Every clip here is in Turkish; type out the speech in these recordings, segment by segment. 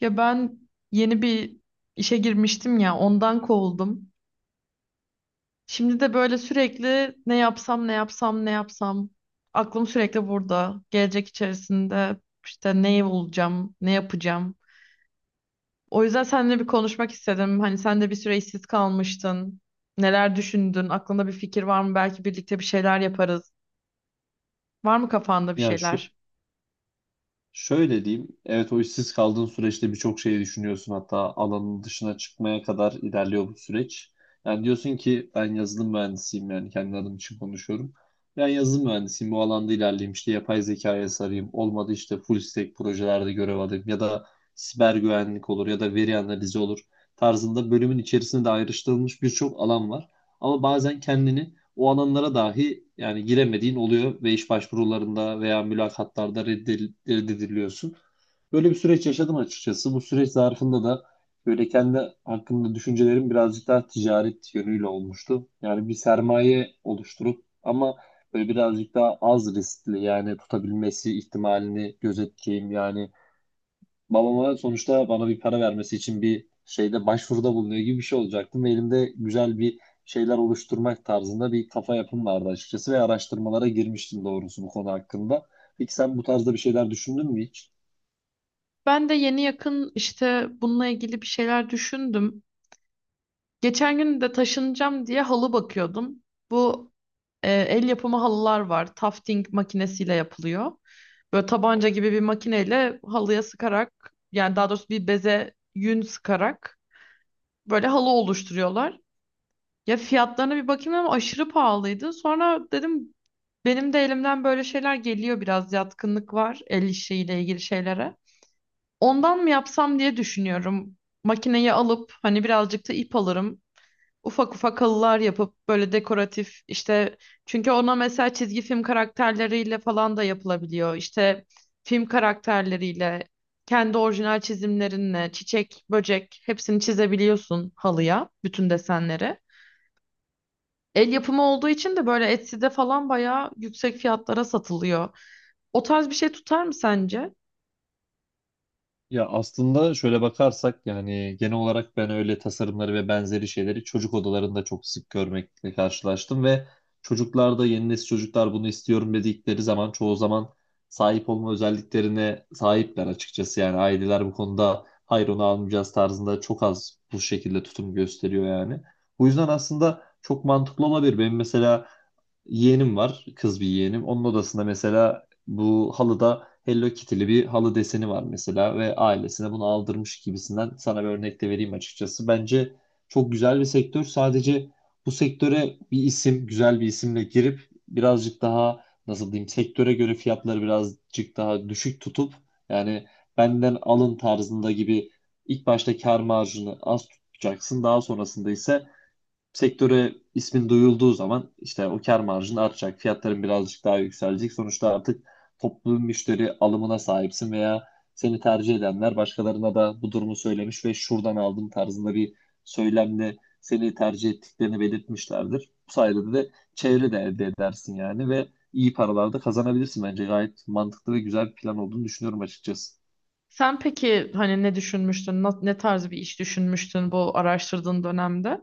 Ya ben yeni bir işe girmiştim ya ondan kovuldum. Şimdi de böyle sürekli ne yapsam ne yapsam ne yapsam, aklım sürekli burada. Gelecek içerisinde işte ne olacağım, ne yapacağım. O yüzden seninle bir konuşmak istedim. Hani sen de bir süre işsiz kalmıştın. Neler düşündün? Aklında bir fikir var mı? Belki birlikte bir şeyler yaparız. Var mı kafanda bir Ya şu, şeyler? şöyle diyeyim. Evet, o işsiz kaldığın süreçte birçok şeyi düşünüyorsun. Hatta alanın dışına çıkmaya kadar ilerliyor bu süreç. Yani diyorsun ki ben yazılım mühendisiyim, yani kendi adım için konuşuyorum. Ben yazılım mühendisiyim, bu alanda ilerleyeyim, işte yapay zekaya sarayım. Olmadı işte full stack projelerde görev alayım ya da siber güvenlik olur ya da veri analizi olur tarzında, bölümün içerisinde de ayrıştırılmış birçok alan var. Ama bazen kendini o alanlara dahi yani giremediğin oluyor ve iş başvurularında veya mülakatlarda reddediliyorsun. Böyle bir süreç yaşadım açıkçası. Bu süreç zarfında da böyle kendi hakkında düşüncelerim birazcık daha ticaret yönüyle olmuştu. Yani bir sermaye oluşturup ama böyle birazcık daha az riskli, yani tutabilmesi ihtimalini gözetleyeyim yani. Babama sonuçta bana bir para vermesi için bir şeyde başvuruda bulunuyor gibi bir şey olacaktım. Ve elimde güzel bir şeyler oluşturmak tarzında bir kafa yapım vardı açıkçası ve araştırmalara girmiştim doğrusu bu konu hakkında. Peki sen bu tarzda bir şeyler düşündün mü hiç? Ben de yeni yakın işte bununla ilgili bir şeyler düşündüm. Geçen gün de taşınacağım diye halı bakıyordum. Bu el yapımı halılar var. Tufting makinesiyle yapılıyor. Böyle tabanca gibi bir makineyle halıya sıkarak, yani daha doğrusu bir beze yün sıkarak böyle halı oluşturuyorlar. Ya fiyatlarına bir bakayım ama aşırı pahalıydı. Sonra dedim, benim de elimden böyle şeyler geliyor, biraz yatkınlık var el işiyle ilgili şeylere. Ondan mı yapsam diye düşünüyorum. Makineyi alıp hani birazcık da ip alırım, ufak ufak halılar yapıp böyle dekoratif işte, çünkü ona mesela çizgi film karakterleriyle falan da yapılabiliyor. İşte film karakterleriyle kendi orijinal çizimlerinle çiçek, böcek hepsini çizebiliyorsun halıya, bütün desenleri. El yapımı olduğu için de böyle Etsy'de falan bayağı yüksek fiyatlara satılıyor. O tarz bir şey tutar mı sence? Ya aslında şöyle bakarsak yani genel olarak ben öyle tasarımları ve benzeri şeyleri çocuk odalarında çok sık görmekle karşılaştım ve çocuklarda, yeni nesil çocuklar bunu istiyorum dedikleri zaman çoğu zaman sahip olma özelliklerine sahipler açıkçası. Yani aileler bu konuda hayır onu almayacağız tarzında çok az bu şekilde tutum gösteriyor yani. Bu yüzden aslında çok mantıklı olabilir. Benim mesela yeğenim var, kız bir yeğenim. Onun odasında mesela bu halıda Hello Kitty'li bir halı deseni var mesela ve ailesine bunu aldırmış gibisinden sana bir örnek de vereyim açıkçası. Bence çok güzel bir sektör. Sadece bu sektöre bir isim, güzel bir isimle girip birazcık daha, nasıl diyeyim, sektöre göre fiyatları birazcık daha düşük tutup, yani benden alın tarzında gibi ilk başta kar marjını az tutacaksın. Daha sonrasında ise sektöre ismin duyulduğu zaman işte o kar marjın artacak, fiyatların birazcık daha yükselecek. Sonuçta artık toplu müşteri alımına sahipsin veya seni tercih edenler başkalarına da bu durumu söylemiş ve şuradan aldım tarzında bir söylemle seni tercih ettiklerini belirtmişlerdir. Bu sayede de çevre de elde edersin yani ve iyi paralar da kazanabilirsin bence. Gayet mantıklı ve güzel bir plan olduğunu düşünüyorum açıkçası. Sen peki hani ne düşünmüştün? Ne tarz bir iş düşünmüştün bu araştırdığın dönemde?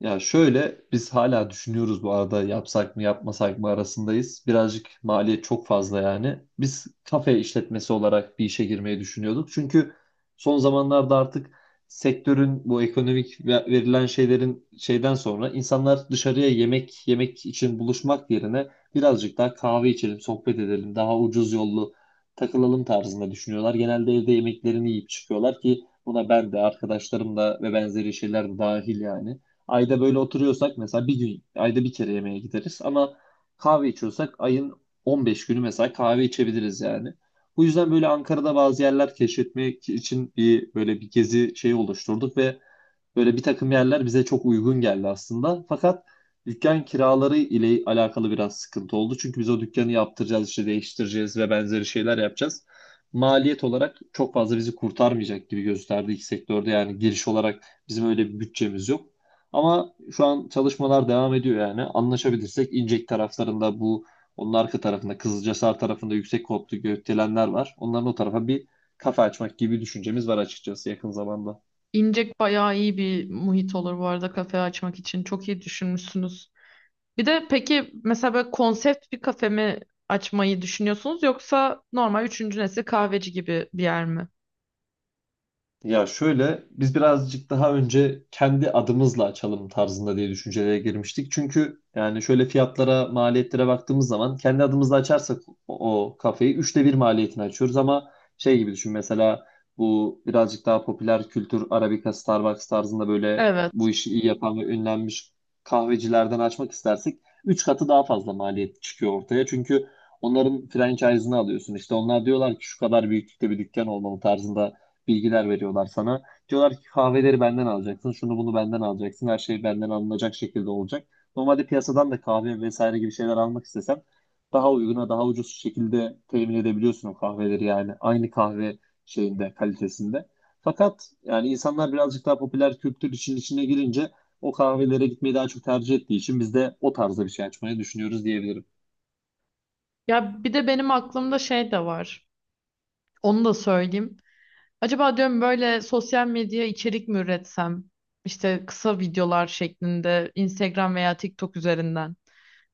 Ya şöyle, biz hala düşünüyoruz bu arada, yapsak mı yapmasak mı arasındayız. Birazcık maliyet çok fazla yani. Biz kafe işletmesi olarak bir işe girmeyi düşünüyorduk. Çünkü son zamanlarda artık sektörün bu ekonomik verilen şeylerin şeyden sonra insanlar dışarıya yemek yemek için buluşmak yerine birazcık daha kahve içelim, sohbet edelim, daha ucuz yollu takılalım tarzında düşünüyorlar. Genelde evde yemeklerini yiyip çıkıyorlar ki buna ben de, arkadaşlarım da ve benzeri şeyler de dahil yani. Ayda böyle oturuyorsak mesela bir gün, ayda bir kere yemeğe gideriz ama kahve içiyorsak ayın 15 günü mesela kahve içebiliriz yani. Bu yüzden böyle Ankara'da bazı yerler keşfetmek için bir böyle bir gezi şeyi oluşturduk ve böyle bir takım yerler bize çok uygun geldi aslında. Fakat dükkan kiraları ile alakalı biraz sıkıntı oldu. Çünkü biz o dükkanı yaptıracağız, işte değiştireceğiz ve benzeri şeyler yapacağız. Maliyet olarak çok fazla bizi kurtarmayacak gibi gösterdi iki sektörde. Yani giriş olarak bizim öyle bir bütçemiz yok. Ama şu an çalışmalar devam ediyor yani. Anlaşabilirsek İncek taraflarında, bu onun arka tarafında, Kızılcahisar tarafında yüksek koptu gökdelenler var. Onların o tarafa bir kafe açmak gibi bir düşüncemiz var açıkçası yakın zamanda. İncek bayağı iyi bir muhit olur bu arada kafe açmak için. Çok iyi düşünmüşsünüz. Bir de peki mesela böyle konsept bir kafe mi açmayı düşünüyorsunuz, yoksa normal üçüncü nesil kahveci gibi bir yer mi? Ya şöyle, biz birazcık daha önce kendi adımızla açalım tarzında diye düşüncelere girmiştik. Çünkü yani şöyle fiyatlara, maliyetlere baktığımız zaman kendi adımızla açarsak o kafeyi üçte bir maliyetini açıyoruz ama şey gibi düşün mesela, bu birazcık daha popüler kültür Arabica, Starbucks tarzında, böyle Evet. bu işi iyi yapan ve ünlenmiş kahvecilerden açmak istersek üç katı daha fazla maliyet çıkıyor ortaya. Çünkü onların franchise'ını alıyorsun. İşte onlar diyorlar ki şu kadar büyüklükte bir dükkan olmalı tarzında bilgiler veriyorlar sana. Diyorlar ki kahveleri benden alacaksın, şunu bunu benden alacaksın, her şey benden alınacak şekilde olacak. Normalde piyasadan da kahve vesaire gibi şeyler almak istesem daha uyguna, daha ucuz şekilde temin edebiliyorsun o kahveleri yani. Aynı kahve şeyinde, kalitesinde. Fakat yani insanlar birazcık daha popüler kültür için içine girince o kahvelere gitmeyi daha çok tercih ettiği için biz de o tarzda bir şey açmayı düşünüyoruz diyebilirim. Ya bir de benim aklımda şey de var. Onu da söyleyeyim. Acaba diyorum böyle sosyal medya içerik mi üretsem? İşte kısa videolar şeklinde Instagram veya TikTok üzerinden.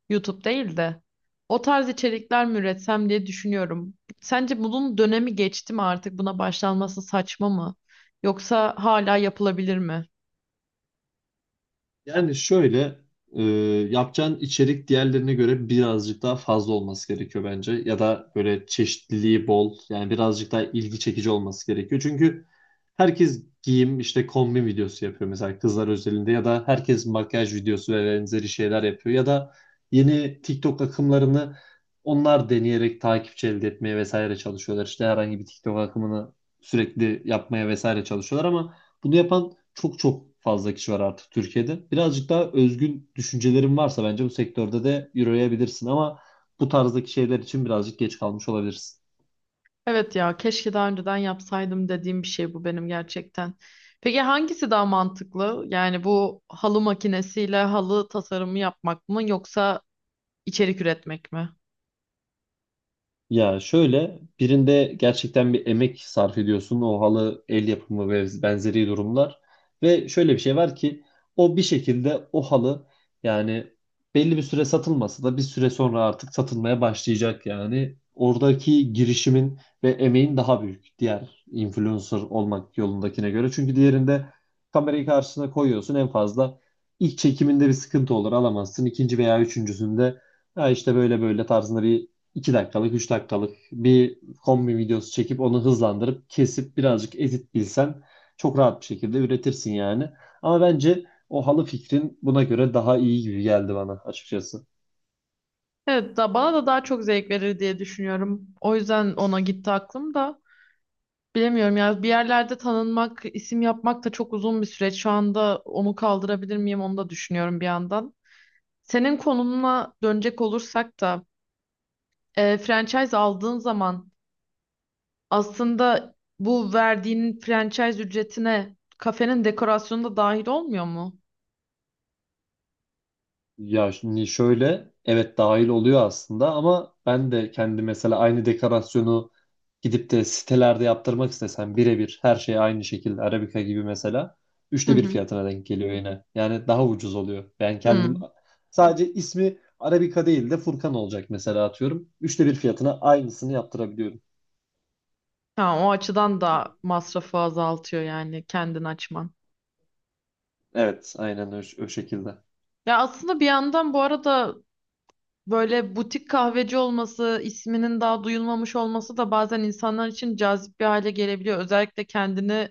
YouTube değil de. O tarz içerikler mi üretsem diye düşünüyorum. Sence bunun dönemi geçti mi artık? Buna başlanması saçma mı? Yoksa hala yapılabilir mi? Yani şöyle e, yapacağın içerik diğerlerine göre birazcık daha fazla olması gerekiyor bence. Ya da böyle çeşitliliği bol, yani birazcık daha ilgi çekici olması gerekiyor. Çünkü herkes giyim işte kombin videosu yapıyor mesela, kızlar özelinde, ya da herkes makyaj videosu ve benzeri şeyler yapıyor. Ya da yeni TikTok akımlarını onlar deneyerek takipçi elde etmeye vesaire çalışıyorlar. İşte herhangi bir TikTok akımını sürekli yapmaya vesaire çalışıyorlar ama bunu yapan çok çok fazla kişi var artık Türkiye'de. Birazcık daha özgün düşüncelerin varsa bence bu sektörde de yürüyebilirsin ama bu tarzdaki şeyler için birazcık geç kalmış olabilirsin. Evet ya, keşke daha önceden yapsaydım dediğim bir şey bu benim gerçekten. Peki hangisi daha mantıklı? Yani bu halı makinesiyle halı tasarımı yapmak mı, yoksa içerik üretmek mi? Ya şöyle, birinde gerçekten bir emek sarf ediyorsun, o halı el yapımı ve benzeri durumlar ve şöyle bir şey var ki o bir şekilde o halı, yani belli bir süre satılmasa da bir süre sonra artık satılmaya başlayacak, yani oradaki girişimin ve emeğin daha büyük diğer influencer olmak yolundakine göre. Çünkü diğerinde kamerayı karşısına koyuyorsun, en fazla ilk çekiminde bir sıkıntı olur, alamazsın ikinci veya üçüncüsünde, ya işte böyle böyle tarzında bir 2 dakikalık, 3 dakikalık bir kombi videosu çekip onu hızlandırıp kesip birazcık edit bilsen çok rahat bir şekilde üretirsin yani. Ama bence o halı fikrin buna göre daha iyi gibi geldi bana açıkçası. Evet da bana da daha çok zevk verir diye düşünüyorum. O yüzden ona gitti aklım da. Bilemiyorum ya, bir yerlerde tanınmak, isim yapmak da çok uzun bir süreç. Şu anda onu kaldırabilir miyim, onu da düşünüyorum bir yandan. Senin konumuna dönecek olursak da franchise aldığın zaman aslında bu verdiğin franchise ücretine kafenin dekorasyonu da dahil olmuyor mu? Ya şimdi şöyle, evet, dahil oluyor aslında ama ben de kendi mesela aynı dekorasyonu gidip de sitelerde yaptırmak istesem birebir her şey aynı şekilde Arabica gibi mesela Hı üçte bir hı. fiyatına denk geliyor yine. Yani daha ucuz oluyor. Ben kendim Hmm. sadece ismi Arabica değil de Furkan olacak mesela, atıyorum. Üçte bir fiyatına aynısını yaptırabiliyorum. Ha, o açıdan da masrafı azaltıyor yani kendin açman. Evet, aynen o şekilde. Ya aslında bir yandan bu arada böyle butik kahveci olması, isminin daha duyulmamış olması da bazen insanlar için cazip bir hale gelebiliyor. Özellikle kendini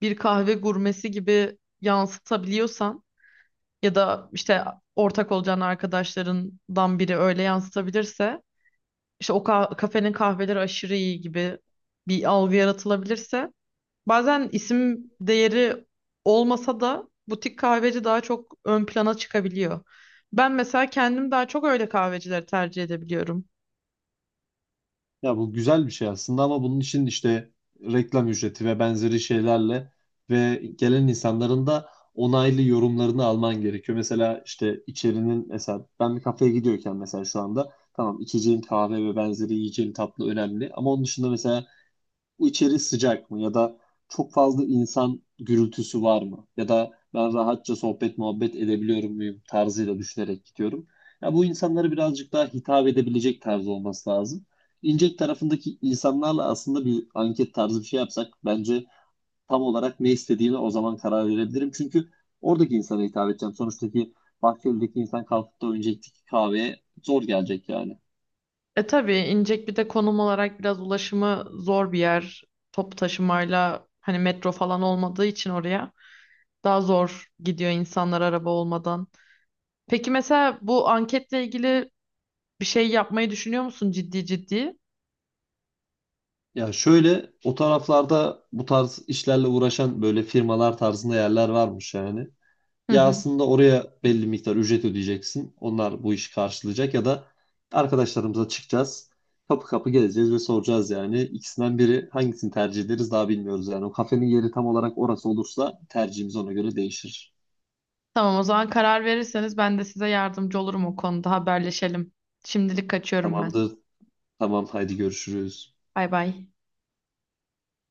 bir kahve gurmesi gibi yansıtabiliyorsan, ya da işte ortak olacağın arkadaşlarından biri öyle yansıtabilirse, işte o kafenin kahveleri aşırı iyi gibi bir algı yaratılabilirse, bazen isim değeri olmasa da butik kahveci daha çok ön plana çıkabiliyor. Ben mesela kendim daha çok öyle kahvecileri tercih edebiliyorum. Ya bu güzel bir şey aslında ama bunun için işte reklam ücreti ve benzeri şeylerle ve gelen insanların da onaylı yorumlarını alman gerekiyor. Mesela işte içerinin, mesela ben bir kafeye gidiyorken mesela şu anda tamam, içeceğim kahve ve benzeri yiyeceğim tatlı önemli ama onun dışında mesela bu içeri sıcak mı ya da çok fazla insan gürültüsü var mı ya da ben rahatça sohbet muhabbet edebiliyor muyum tarzıyla düşünerek gidiyorum. Ya bu insanlara birazcık daha hitap edebilecek tarz olması lazım. İncek tarafındaki insanlarla aslında bir anket tarzı bir şey yapsak bence tam olarak ne istediğine o zaman karar verebilirim. Çünkü oradaki insana hitap edeceğim. Sonuçtaki Bahçeli'deki insan kalkıp da önceki kahveye zor gelecek yani. E tabii İncek bir de konum olarak biraz ulaşımı zor bir yer. Top taşımayla hani metro falan olmadığı için oraya. Daha zor gidiyor insanlar araba olmadan. Peki mesela bu anketle ilgili bir şey yapmayı düşünüyor musun ciddi ciddi? Ya şöyle, o taraflarda bu tarz işlerle uğraşan böyle firmalar tarzında yerler varmış yani. Hı Ya hı. aslında oraya belli miktar ücret ödeyeceksin, onlar bu işi karşılayacak ya da arkadaşlarımıza çıkacağız. Kapı kapı gezeceğiz ve soracağız yani. İkisinden biri, hangisini tercih ederiz daha bilmiyoruz yani. O kafenin yeri tam olarak orası olursa tercihimiz ona göre değişir. Tamam, o zaman karar verirseniz ben de size yardımcı olurum, o konuda haberleşelim. Şimdilik kaçıyorum ben. Tamamdır. Tamam, haydi görüşürüz. Bay bay.